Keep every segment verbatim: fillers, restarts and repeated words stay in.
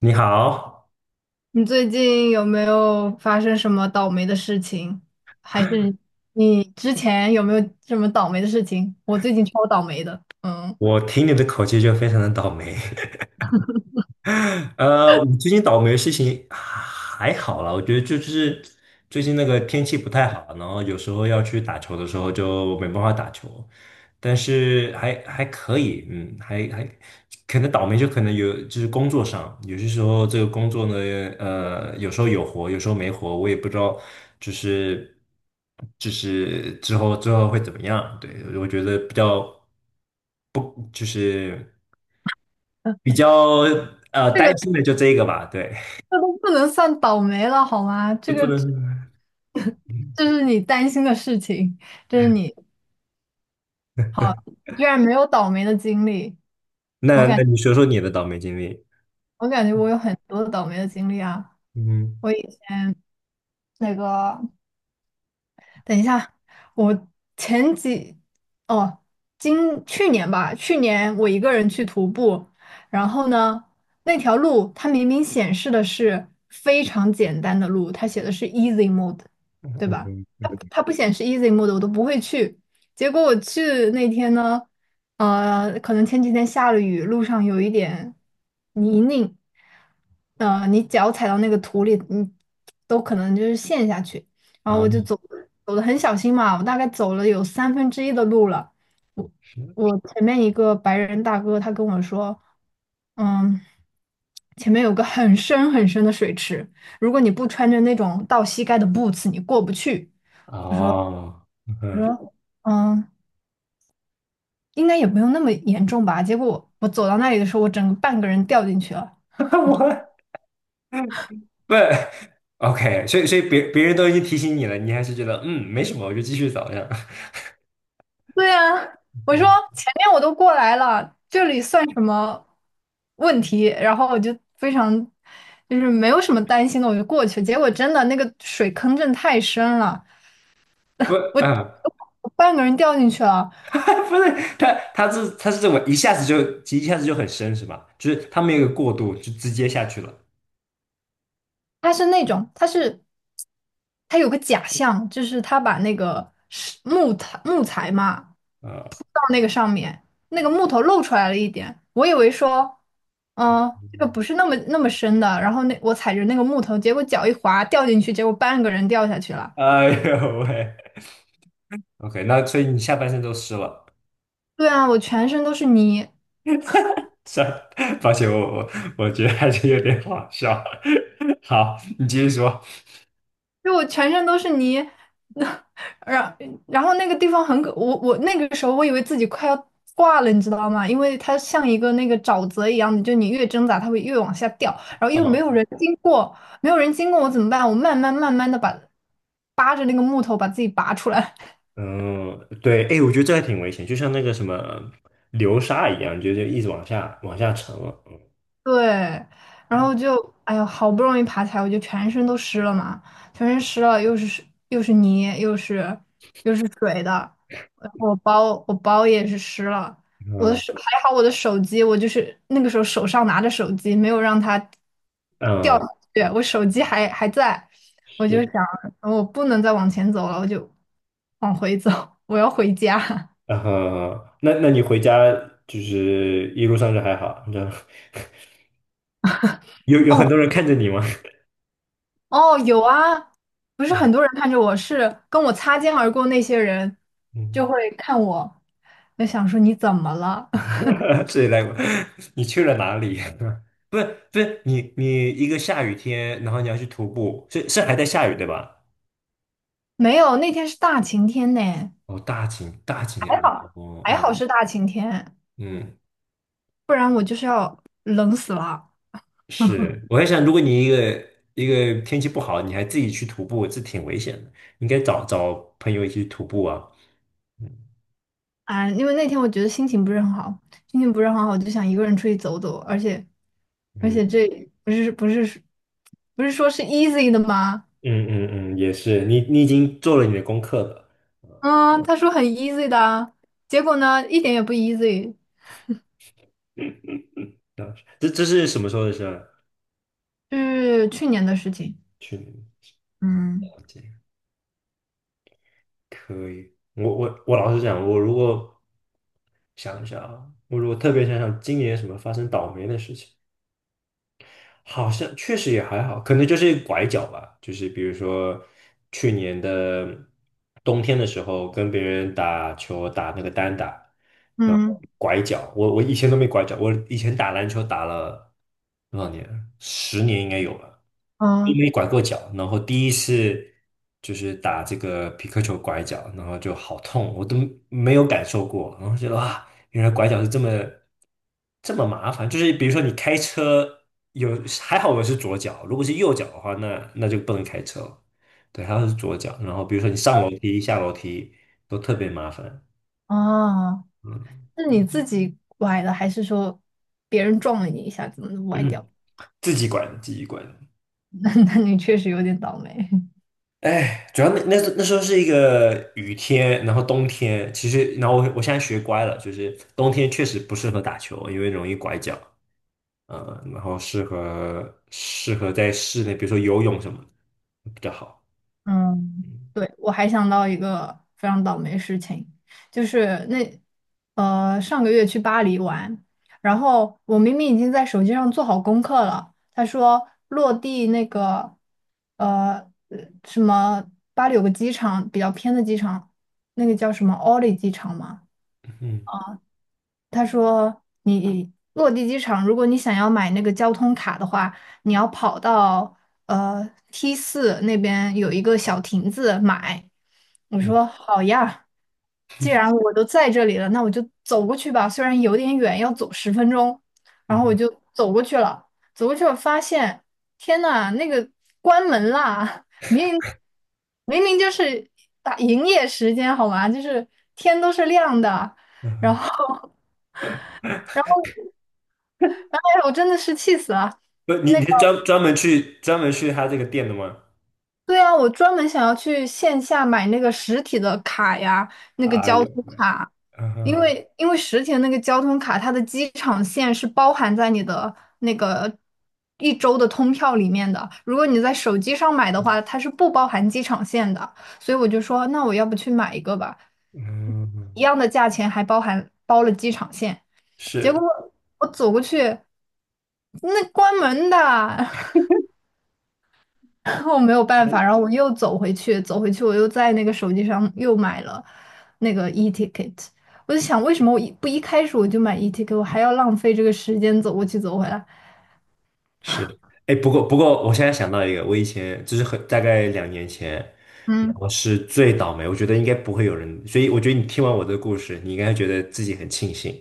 你好，你最近有没有发生什么倒霉的事情？还是你之前有没有什么倒霉的事情？我最近超倒霉的，嗯，我听你的口气就非常的倒霉。呃，我最近倒霉的事情还好啦，我觉得就就是最近那个天气不太好，然后有时候要去打球的时候就没办法打球，但是还还可以，嗯，还还可能倒霉就可能有就是工作上，有些时候这个工作呢，呃，有时候有活，有时候没活，我也不知道，就是就是之后之后会怎么样，对，我觉得比较不就是。比较呃这担个心的就这个吧，对，这都不能算倒霉了好吗？就这不个 能。这是你担心的事情，这是你居然没有倒霉的经历。我那感那你说说你的倒霉经历？我感觉我有很多倒霉的经历啊，嗯我以那个。等一下，我前几哦，今去年吧，去年我一个人去徒步，然后呢，那条路它明明显示的是非常简单的路，它写的是 easy mode,对吧？嗯它它不显示 easy mode,我都不会去。结果我去那天呢，呃，可能前几天下了雨，路上有一点泥泞，呃，你脚踩到那个土里，你都可能就是陷下去。然后我就走啊走的很小心嘛，我大概走了有三分之一的路了。我前面一个白人大哥他跟我说，嗯，前面有个很深很深的水池，如果你不穿着那种到膝盖的 boots,你过不去。我说哦我嗯，说嗯，应该也不用那么严重吧。结果我走到那里的时候，我整个半个人掉进去了，我不 OK,所以所以别别人都已经提醒你了，你还是觉得嗯没什么，我就继续找这样。对呀，我说嗯，前面我都过来了，这里算什么问题？然后我就非常就是没有什么担心的，我就过去。结果真的那个水坑真的太深了，不我啊，我半个人掉进去了。不是他他是他是这么一下子就一下子就很深是吧？就是他没有一个过渡，就直接下去了。它是那种，它是它有个假象，就是它把那个是木材木材嘛，呃，到那个上面，那个木头露出来了一点，我以为说，嗯，这个不是那么那么深的，然后那我踩着那个木头，结果脚一滑掉进去，结果半个人掉下去 了。哎呦喂，OK,那所以你下半身都湿了。对啊，我全身都是泥。算，抱歉，我我我觉得还是有点好笑。好，你继续说。就我全身都是泥，然然后那个地方很可，我我那个时候我以为自己快要挂了，你知道吗？因为它像一个那个沼泽一样的，就你越挣扎，它会越往下掉，然后又没有人经过，没有人经过我怎么办？我慢慢慢慢的把扒着那个木头把自己拔出来。嗯嗯，对，哎，我觉得这还挺危险，就像那个什么流沙一样，就就一直往下往下沉了。对，然后就，哎呦，好不容易爬起来，我就全身都湿了嘛，全身湿了，又是湿又是泥，又是又是水的，然后我包我包也是湿了，我的嗯手还好，我的手机，我就是那个时候手上拿着手机，没有让它掉嗯，下去，我手机还还在，我就是，想，我不能再往前走了，我就往回走，我要回家。然后那那你回家就是一路上就还好，你知道？有有很多哦。人看着你吗？哦，有啊，不 是啊，很多人看着我，是跟我擦肩而过那些人就嗯，会看我，就想说你怎么了？所以来，你去了哪里？不是不是，你你一个下雨天，然后你要去徒步，是是还在下雨对吧？没有，那天是大晴天呢，哦，大景大景点，还好哦，还哦好是大晴天，嗯，不然我就是要冷死了是，我在想，如果你一个一个天气不好，你还自己去徒步，这挺危险的，应该找找朋友一起去徒步啊。嗯啊！因为那天我觉得心情不是很好，心情不是很好，我就想一个人出去走走，而且而且嗯这不是不是不是说是 easy 的吗？嗯嗯嗯，也是，你你已经做了你的功课了，嗯，他说很 easy 的啊结果呢一点也不 easy。这这是什么时候的事儿？是去年的事情。去年嗯。了解，可以。我我我老实讲，我如果想一下啊，我如果特别想想今年什么发生倒霉的事情。好像确实也还好，可能就是拐角吧，就是比如说去年的冬天的时候，跟别人打球打那个单打，然后嗯。拐角，我我以前都没拐角，我以前打篮球打了多少年啊十年应该有了，都嗯。没拐过角，然后第一次就是打这个皮克球拐角，然后就好痛，我都没有感受过，然后觉得哇，原来拐角是这么。这么麻烦？就是比如说你开车有还好我是左脚，如果是右脚的话，那那就不能开车了。对，还好是左脚。然后比如说你上楼梯、下楼梯都特别麻烦。哦，嗯，是你自己崴的，还是说别人撞了你一下子崴掉？自己管，自己管。那那你确实有点倒霉。哎，主要那那时那时候是一个雨天，然后冬天，其实然后我我现在学乖了，就是冬天确实不适合打球，因为容易拐脚。嗯，然后适合适合在室内，比如说游泳什么的比较好。嗯，嗯对，我还想到一个非常倒霉的事情，就是那呃上个月去巴黎玩，然后我明明已经在手机上做好功课了，他说落地那个呃呃什么巴黎有个机场比较偏的机场，那个叫什么奥利机场吗？嗯他说你落地机场，如果你想要买那个交通卡的话，你要跑到呃 T 四那边有一个小亭子买。我嗯说好呀，既然我都在这里了，那我就走过去吧。虽然有点远，要走十分钟，然后我嗯。就走过去了。走过去我发现，天呐，那个关门啦！明明明就是打营业时间好吗？就是天都是亮的，嗯然哼，后。哎呀，我真的是气死了。不，你那你个，是专专门去专门去他这个店的吗？对啊，我专门想要去线下买那个实体的卡呀，那个啊，交有，通卡，嗯因哼，为因为实体的那个交通卡，它的机场线是包含在你的那个一周的通票里面的。如果你在手机上买的话，它是不包含机场线的。所以我就说，那我要不去买一个吧，嗯，一样的价钱还包含包了机场线。结果是我走过去，那关门的。我没有办法，然后我又走回去，走回去我又在那个手机上又买了那个 e ticket。我就想，为什么我一不一开始我就买 e ticket,我还要浪费这个时间走过去走回来？是，哎，不过不过，我现在想到一个，我以前就是很大概两年前，嗯。我是最倒霉，我觉得应该不会有人，所以我觉得你听完我的故事，你应该觉得自己很庆幸，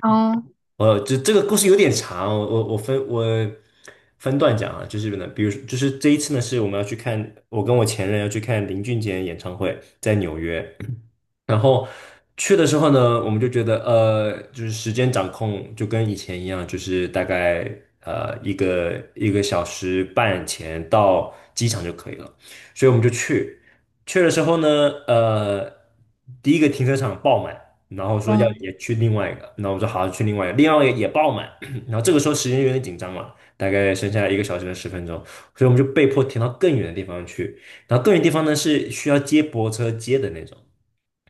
哦。呃，这这个故事有点长，我我我分我分段讲啊，就是呢，比如说就是这一次呢，是我们要去看，我跟我前任要去看林俊杰演唱会，在纽约，然后去的时候呢，我们就觉得呃，就是时间掌控就跟以前一样，就是大概呃一个一个小时半前到机场就可以了，所以我们就去，去的时候呢，呃，第一个停车场爆满。然后说要嗯。也去另外一个，那我说好去另外一个，另外一个也爆满，然后这个时候时间有点紧张了，大概剩下来一个小时的十分钟，所以我们就被迫停到更远的地方去，然后更远地方呢是需要接驳车接的那种。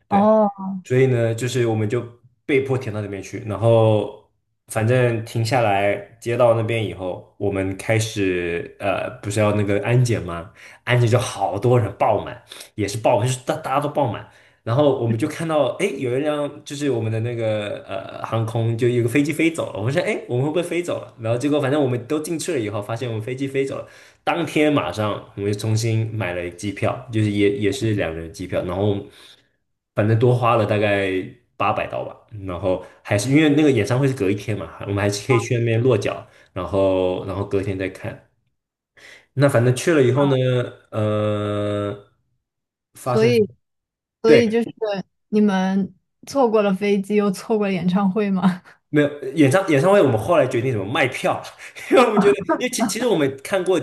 对，哦。所以呢，就是我们就被迫停到那边去，然后反正停下来，接到那边以后，我们开始呃，不是要那个安检吗？安检就好多人爆满，也是爆满就是大大家都爆满，然后我们就看到，哎，有一辆就是我们的那个呃航空，就有个飞机飞走了，我们说，哎，我们会不会飞走了？然后结果反正我们都进去了以后，发现我们飞机飞走了。当天马上我们就重新买了机票，就是也也是两人机票，然后反正多花了大概八百刀吧，然后还是因为那个演唱会是隔一天嘛，我们还是可以去那边落脚，然后然后隔天再看。那反正去了以后呢，呃，发所以，生。所以对，就是你们错过了飞机，又错过了演唱会吗？没有演唱演唱会，我们后来决定怎么卖票，因为我们觉得，因为其其实我们看过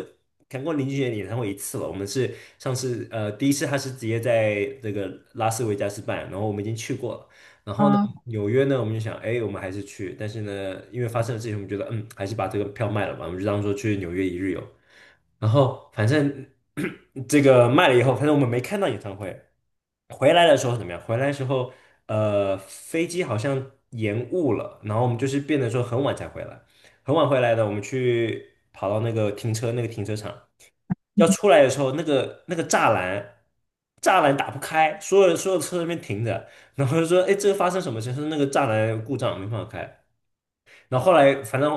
看过林俊杰的演唱会一次了，我们是上次呃第一次他是直接在这个拉斯维加斯办，然后我们已经去过了，然后呢嗯，纽约呢我们就想，哎，我们还是去，但是呢因为发生了事情，我们觉得嗯还是把这个票卖了吧，我们就当做去纽约一日游，然后反正 这个卖了以后，反正我们没看到演唱会。回来的时候怎么样？回来的时候，呃，飞机好像延误了，然后我们就是变得说很晚才回来，很晚回来的，我们去跑到那个停车那个停车场，要出来的时候，那个那个栅栏栅栏打不开，所有所有车在那边停着，然后就说，哎，这个发生什么事？他说那个栅栏故障没办法开，然后后来反正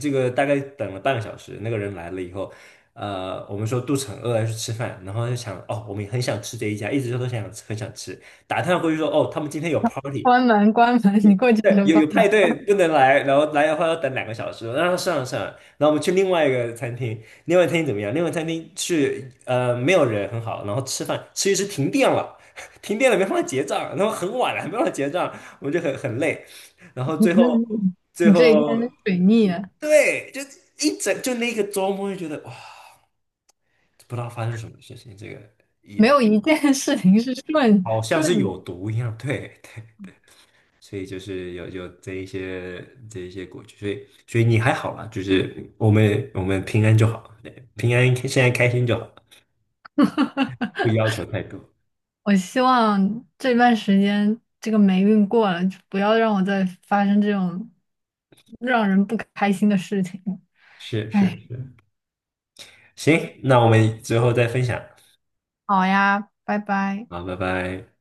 这个大概等了半个小时，那个人来了以后，呃，我们说肚子很饿要去吃饭，然后就想哦，我们也很想吃这一家，一直都想很想吃，打探过去说哦，他们今天有 party,关门，关门，你过去对，就有关有门。派对不能来，然后来的话要等两个小时，然后算了算了，然后我们去另外一个餐厅，另外餐厅怎么样？另外餐厅去呃没有人很好，然后吃饭吃一吃停电了，停电了没办法结账，然后很晚了还没办法结账，我们就很很累。然后 你最后真，最你这一后天水逆了，对，就一整就那个周末就觉得哇，不知道发生什么事情，这个没有一件事情是顺好像是顺的。有毒一样。对，对所以就是有有这一些这一些过去，所以所以你还好啦，就是我们我们平安就好，对，平安现在开心就好，不要求太多。我希望这段时间这个霉运过了，就不要让我再发生这种让人不开心的事情。是是哎，是，行，那我们之后再分享，好呀，拜拜。好，拜拜。